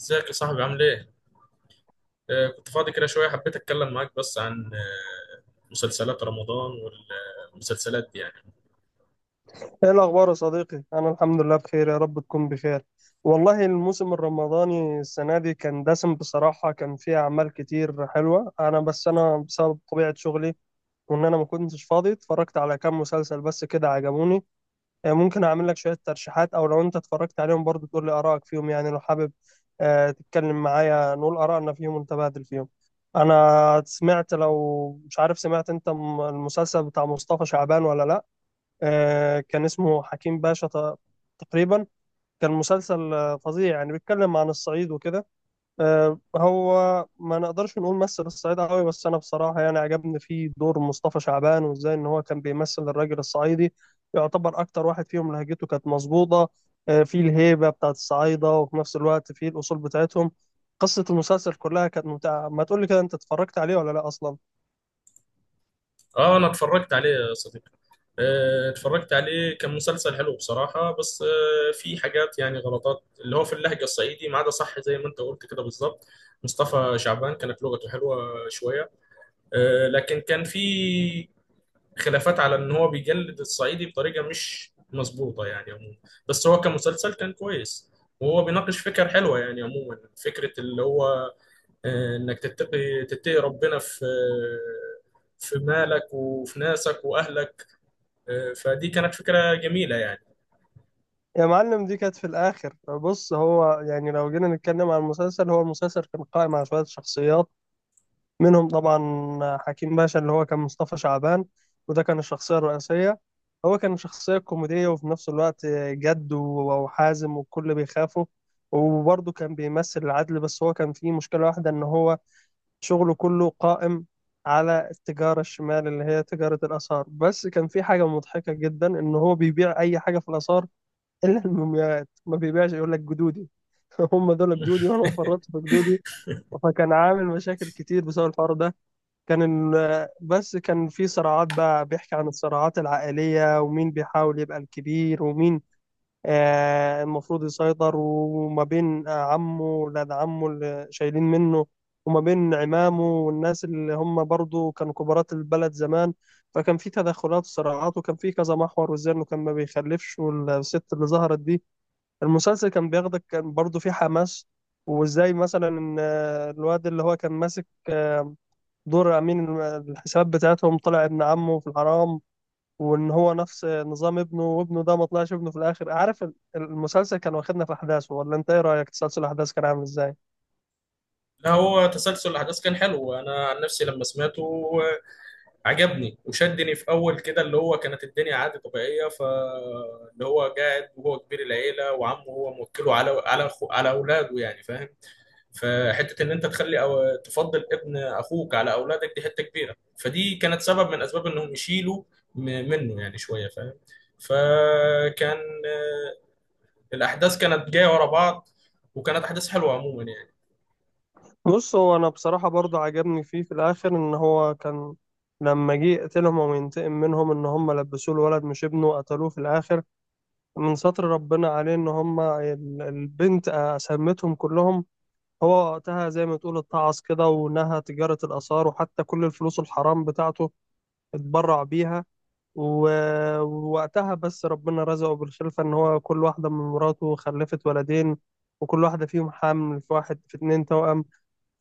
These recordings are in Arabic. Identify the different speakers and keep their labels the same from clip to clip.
Speaker 1: ازيك يا صاحبي؟ عامل ايه؟ كنت فاضي كده شوية، حبيت اتكلم معاك بس عن مسلسلات رمضان والمسلسلات دي يعني.
Speaker 2: ايه الاخبار يا صديقي؟ انا الحمد لله بخير، يا رب تكون بخير. والله الموسم الرمضاني السنه دي كان دسم بصراحه، كان فيه اعمال كتير حلوه. انا بس انا بسبب طبيعه شغلي وان انا ما كنتش فاضي، اتفرجت على كام مسلسل بس كده عجبوني. ممكن اعمل لك شويه ترشيحات، او لو انت اتفرجت عليهم برضو تقول لي ارائك فيهم، يعني لو حابب تتكلم معايا نقول ارائنا فيهم ونتبادل فيهم. انا سمعت، لو مش عارف، سمعت انت المسلسل بتاع مصطفى شعبان ولا لا؟ كان اسمه حكيم باشا تقريبا. كان مسلسل فظيع، يعني بيتكلم عن الصعيد وكده. هو ما نقدرش نقول مثل الصعيد قوي، بس انا بصراحة يعني عجبني فيه دور مصطفى شعبان، وازاي ان هو كان بيمثل الراجل الصعيدي، يعتبر اكتر واحد فيهم لهجته كانت مظبوطة. فيه الهيبة بتاعت الصعايدة، وفي نفس الوقت فيه الاصول بتاعتهم. قصة المسلسل كلها كانت ممتعة. ما تقولي كده، انت اتفرجت عليه ولا لا اصلا؟
Speaker 1: اه، انا اتفرجت عليه يا صديقي. اتفرجت عليه، كان مسلسل حلو بصراحة، بس في حاجات يعني غلطات، اللي هو في اللهجة الصعيدي ما عدا صح زي ما انت قلت كده بالظبط. مصطفى شعبان كانت لغته حلوة شوية. لكن كان في خلافات على ان هو بيجلد الصعيدي بطريقه مش مظبوطه يعني عموما. بس هو كمسلسل كان كويس، وهو بيناقش فكر حلوه يعني عموما. فكره اللي هو، انك تتقي ربنا في، في مالك وفي ناسك واهلك. فدي كانت فكره جميله يعني.
Speaker 2: يا معلم، دي كانت في الآخر. بص هو، يعني لو جينا نتكلم عن المسلسل، هو المسلسل كان قائم على شوية شخصيات، منهم طبعا حكيم باشا اللي هو كان مصطفى شعبان، وده كان الشخصية الرئيسية. هو كان شخصية كوميدية، وفي نفس الوقت جد وحازم والكل بيخافه، وبرضه كان بيمثل العدل. بس هو كان فيه مشكلة واحدة، إن هو شغله كله قائم على التجارة الشمال، اللي هي تجارة الآثار. بس كان في حاجة مضحكة جدا، إن هو بيبيع أي حاجة في الآثار الا المومياوات ما بيبيعش، يقول لك جدودي هم دول جدودي، وانا ما فرطت في جدودي. فكان عامل مشاكل كتير بسبب الحوار ده. كان بس كان في صراعات بقى، بيحكي عن الصراعات العائلية، ومين بيحاول يبقى الكبير، ومين المفروض يسيطر، وما بين عمه ولاد عمه اللي شايلين منه، وما بين عمامه والناس اللي هم برضو كانوا كبارات البلد زمان. فكان في تدخلات وصراعات، وكان في كذا محور، والزن، وكان ما بيخلفش، والست اللي ظهرت دي. المسلسل كان بياخدك، كان برضه فيه حماس. وازاي مثلا ان الواد اللي هو كان ماسك دور امين الحسابات بتاعتهم، طلع ابن عمه في الحرام، وان هو نفس نظام ابنه، وابنه ده ما طلعش ابنه في الاخر. عارف المسلسل كان واخدنا في احداثه ولا انت ايه رايك؟ تسلسل الاحداث كان عامل ازاي؟
Speaker 1: لا، هو تسلسل الاحداث كان حلو، انا عن نفسي لما سمعته آه، عجبني وشدني في اول كده، اللي هو كانت الدنيا عادي طبيعيه، فاللي هو قاعد وهو كبير العيله، وعمه هو موكله على أخو على اولاده يعني، فاهم؟ فحته ان انت تخلي أو تفضل ابن اخوك على اولادك دي حته كبيره، فدي كانت سبب من اسباب انهم يشيلوا م- منه يعني شويه، فاهم؟ فكان، آه، الاحداث كانت جايه ورا بعض، وكانت احداث حلوه عموما يعني.
Speaker 2: بص هو انا بصراحه برضه عجبني فيه في الاخر ان هو كان لما جه يقتلهم وينتقم منهم، ان هم لبسوه الولد مش ابنه، قتلوه في الاخر. من ستر ربنا عليه، ان هم البنت سمتهم كلهم. هو وقتها زي ما تقول اتعظ كده، ونهى تجارة الآثار، وحتى كل الفلوس الحرام بتاعته اتبرع بيها. ووقتها بس ربنا رزقه بالخلفة، ان هو كل واحدة من مراته خلفت ولدين، وكل واحدة فيهم حامل في واحد، في اتنين توأم.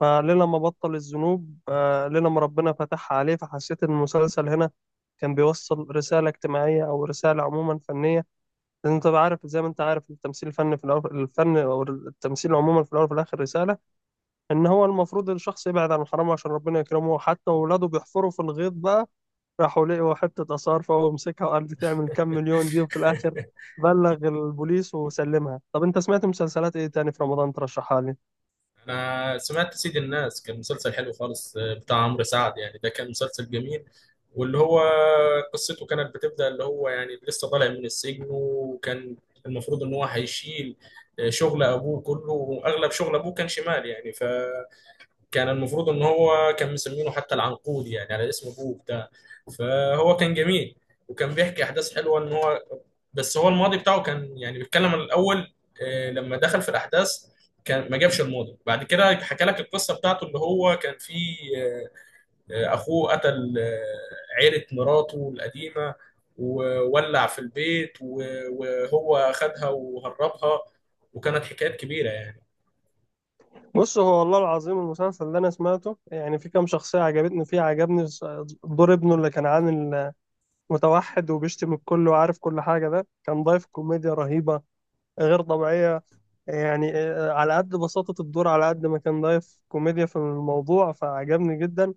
Speaker 2: فليلة ما بطل الذنوب، ليلة ما ربنا فتحها عليه. فحسيت ان المسلسل هنا كان بيوصل رسالة اجتماعية، أو رسالة عموما فنية، لأن أنت بقى عارف زي ما أنت عارف، التمثيل الفني في الأول، الفن أو التمثيل عموما في الأول وفي الآخر رسالة، إن هو المفروض الشخص يبعد عن الحرام عشان ربنا يكرمه. حتى ولاده بيحفروا في الغيط بقى، راحوا لقوا حتة آثار، فهو مسكها وقال دي تعمل كام مليون دي، وفي الآخر بلغ البوليس وسلمها. طب أنت سمعت مسلسلات إيه تاني في رمضان ترشحها لي؟
Speaker 1: انا سمعت سيد الناس، كان مسلسل حلو خالص، بتاع عمرو سعد، يعني ده كان مسلسل جميل. واللي هو قصته كانت بتبدأ، اللي هو يعني لسه طالع من السجن، وكان المفروض ان هو هيشيل شغل ابوه كله، واغلب شغل ابوه كان شمال يعني. فكان المفروض ان هو كان مسمينه حتى العنقود يعني، على اسم ابوه بتاع. فهو كان جميل، وكان بيحكي احداث حلوه ان هو، بس هو الماضي بتاعه كان يعني بيتكلم عن الاول. لما دخل في الاحداث، كان ما جابش الماضي بعد كده، حكى لك القصه بتاعته اللي هو كان فيه، اخوه قتل، عيله مراته القديمه، وولع في البيت، وهو خدها وهربها، وكانت حكايات كبيره.
Speaker 2: بص هو والله العظيم المسلسل اللي أنا سمعته يعني في كام شخصية عجبتني فيه. عجبني دور ابنه اللي كان عامل متوحد وبيشتم الكل وعارف كل حاجة، ده كان ضايف كوميديا رهيبة غير طبيعية. يعني على قد بساطة الدور، على قد ما كان ضايف كوميديا في الموضوع، فعجبني جدا.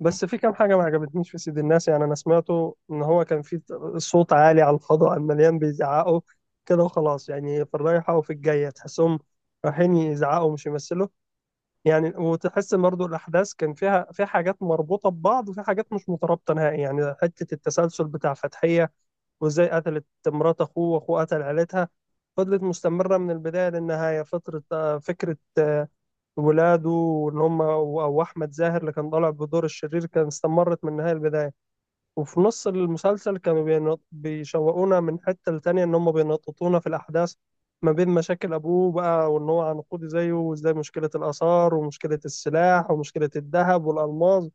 Speaker 2: بس في كام حاجة ما عجبتنيش في سيد الناس، يعني أنا سمعته إن هو كان في صوت عالي على الفضاء، المليان بيزعقوا كده وخلاص، يعني في الرايحة وفي الجاية تحسهم رايحين يزعقوا مش يمثلوا يعني. وتحس إن برضه الأحداث كان فيها في حاجات مربوطة ببعض، وفي حاجات مش مترابطة نهائي. يعني حتة التسلسل بتاع فتحية، وازاي قتلت مرات اخوه، واخوه قتل عيلتها، فضلت مستمرة من البداية للنهاية. فترة فكرة ولاده وإن هم أو أحمد زاهر اللي كان طالع بدور الشرير، كان استمرت من النهاية للبداية. وفي نص المسلسل كانوا بيشوقونا من حتة لتانية، إن هم بينططونا في الأحداث ما بين مشاكل أبوه بقى، وإن هو عنقودي زيه، وإزاي مشكلة الآثار، ومشكلة السلاح، ومشكلة الذهب والألماس،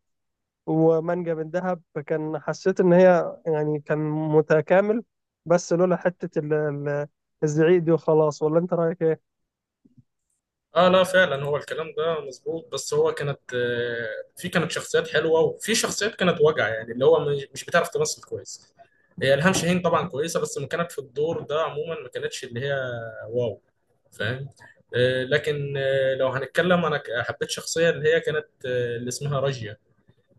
Speaker 2: ومانجا من دهب. فكان حسيت ان هي يعني كان متكامل، بس لولا حته الزعيق دي وخلاص. ولا انت رايك ايه؟
Speaker 1: اه، لا فعلا هو الكلام ده مظبوط. بس هو كانت، في كانت شخصيات حلوه، وفي شخصيات كانت وجع يعني، اللي هو مش بتعرف تمثل كويس. هي الهام شاهين طبعا كويسه، بس ما كانت في الدور ده عموما، ما كانتش اللي هي واو، فاهم؟ لكن، لو هنتكلم، انا حبيت شخصيه اللي هي كانت، اللي اسمها راجيا.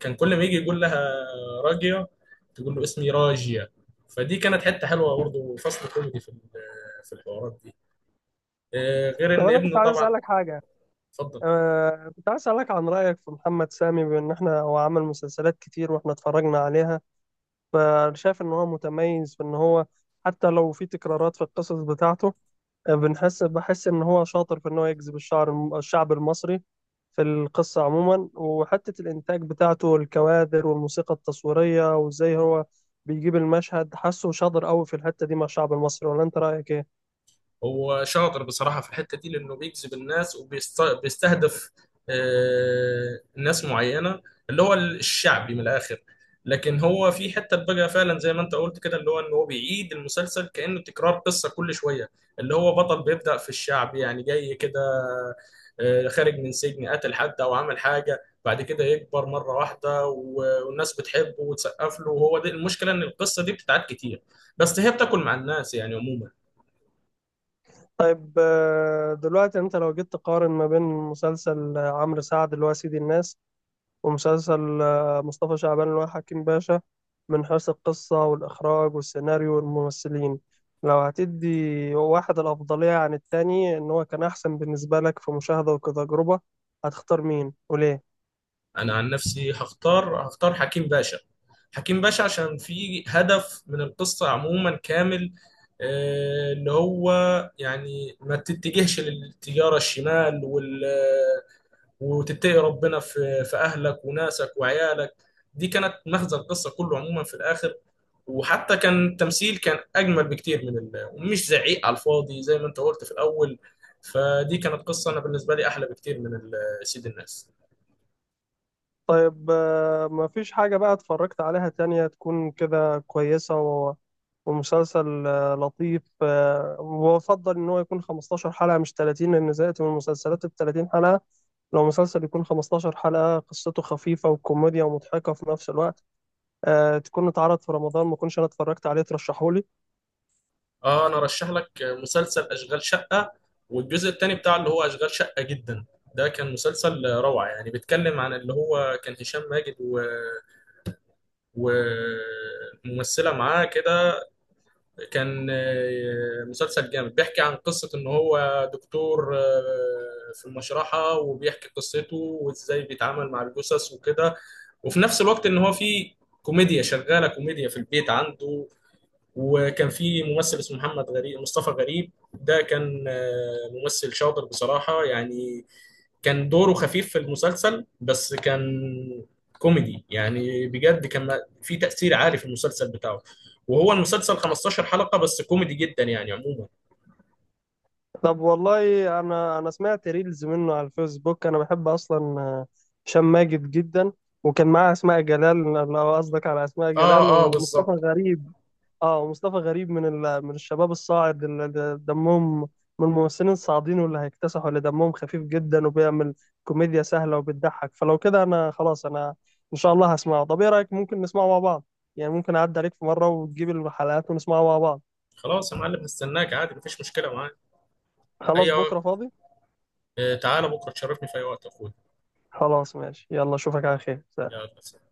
Speaker 1: كان كل ما يجي يقول لها راجيا، تقول له اسمي راجيا. فدي كانت حته حلوه برضه، فصل كوميدي في في الحوارات دي. غير
Speaker 2: طب
Speaker 1: ان
Speaker 2: انا كنت
Speaker 1: ابنه
Speaker 2: عايز
Speaker 1: طبعا.
Speaker 2: اسالك حاجه.
Speaker 1: اتفضل.
Speaker 2: كنت عايز اسالك عن رايك في محمد سامي. بان احنا هو عمل مسلسلات كتير واحنا اتفرجنا عليها، فشايف ان هو متميز في ان هو حتى لو في تكرارات في القصص بتاعته، بحس ان هو شاطر في ان هو يجذب الشعب المصري في القصة عموما. وحتة الانتاج بتاعته، الكوادر والموسيقى التصويرية، وازاي هو بيجيب المشهد، حاسه شاطر قوي في الحتة دي مع الشعب المصري. ولا انت رأيك ايه؟
Speaker 1: هو شاطر بصراحة في الحتة دي، لأنه بيجذب الناس وبيستهدف ناس معينة، اللي هو الشعبي من الآخر. لكن هو في حتة بقى فعلا زي ما أنت قلت كده، اللي هو إن هو بيعيد المسلسل كأنه تكرار قصة كل شوية. اللي هو بطل بيبدأ في الشعب يعني، جاي كده، خارج من سجن، قتل حد أو عمل حاجة، بعد كده يكبر مرة واحدة، والناس بتحبه وتسقف له، وهو دي المشكلة، إن القصة دي بتتعاد كتير، بس هي بتاكل مع الناس يعني عموما.
Speaker 2: طيب، دلوقتي انت لو جيت تقارن ما بين مسلسل عمرو سعد اللي هو سيدي الناس، ومسلسل مصطفى شعبان اللي هو حكيم باشا، من حيث القصة والإخراج والسيناريو والممثلين، لو هتدي واحد الأفضلية عن التاني، إن هو كان أحسن بالنسبة لك في مشاهدة وكتجربة، هتختار مين وليه؟
Speaker 1: انا عن نفسي هختار حكيم باشا. حكيم باشا عشان في هدف من القصة عموما كامل، اللي هو يعني ما تتجهش للتجارة الشمال وتتقي ربنا في في اهلك وناسك وعيالك. دي كانت مغزى القصة كله عموما في الاخر. وحتى كان التمثيل كان اجمل بكتير من ومش زعيق على الفاضي زي ما انت قلت في الاول. فدي كانت قصة انا بالنسبة لي احلى بكتير من سيد الناس.
Speaker 2: طيب، مفيش حاجة بقى اتفرجت عليها تانية تكون كده كويسة ومسلسل لطيف وأفضل إن هو يكون 15 حلقة مش 30، لأن زهقت من المسلسلات ال 30 حلقة. لو مسلسل يكون 15 حلقة قصته خفيفة وكوميديا ومضحكة في نفس الوقت، تكون اتعرض في رمضان، ما كنتش انا اتفرجت عليه، ترشحولي.
Speaker 1: اه، انا ارشح لك مسلسل اشغال شقه، والجزء الثاني بتاع اللي هو اشغال شقه جدا. ده كان مسلسل روعه يعني، بيتكلم عن اللي هو كان هشام ماجد وممثله معاه كده. كان، مسلسل جامد بيحكي عن قصه ان هو دكتور، في المشرحه، وبيحكي قصته وازاي بيتعامل مع الجثث وكده. وفي نفس الوقت ان هو في كوميديا شغاله، كوميديا في البيت عنده. وكان في ممثل اسمه محمد غريب، مصطفى غريب، ده كان، ممثل شاطر بصراحة يعني. كان دوره خفيف في المسلسل، بس كان كوميدي يعني بجد. كان في تأثير عالي في المسلسل بتاعه. وهو المسلسل 15 حلقة بس، كوميدي جدا يعني عموما.
Speaker 2: طب والله، انا سمعت ريلز منه على الفيسبوك. انا بحب اصلا هشام ماجد جدا، وكان معاه اسماء جلال، لو قصدك على اسماء
Speaker 1: اه
Speaker 2: جلال
Speaker 1: اه
Speaker 2: ومصطفى
Speaker 1: بالظبط.
Speaker 2: غريب. اه، ومصطفى غريب من من الشباب الصاعد اللي دمهم من الممثلين الصاعدين واللي هيكتسحوا، اللي دمهم خفيف جدا وبيعمل كوميديا سهلة وبتضحك. فلو كده انا خلاص، انا ان شاء الله هسمعه. طب ايه رأيك ممكن نسمعه مع بعض؟ يعني ممكن اعدي عليك في مرة وتجيب الحلقات ونسمعه مع بعض.
Speaker 1: خلاص يا معلم، هستناك عادي مفيش مشكلة معاك،
Speaker 2: خلاص
Speaker 1: اي وقت.
Speaker 2: بكرة فاضي.
Speaker 1: تعالى بكرة تشرفني في اي وقت يا اخويا.
Speaker 2: خلاص ماشي، يلا اشوفك على خير.
Speaker 1: يلا سلام.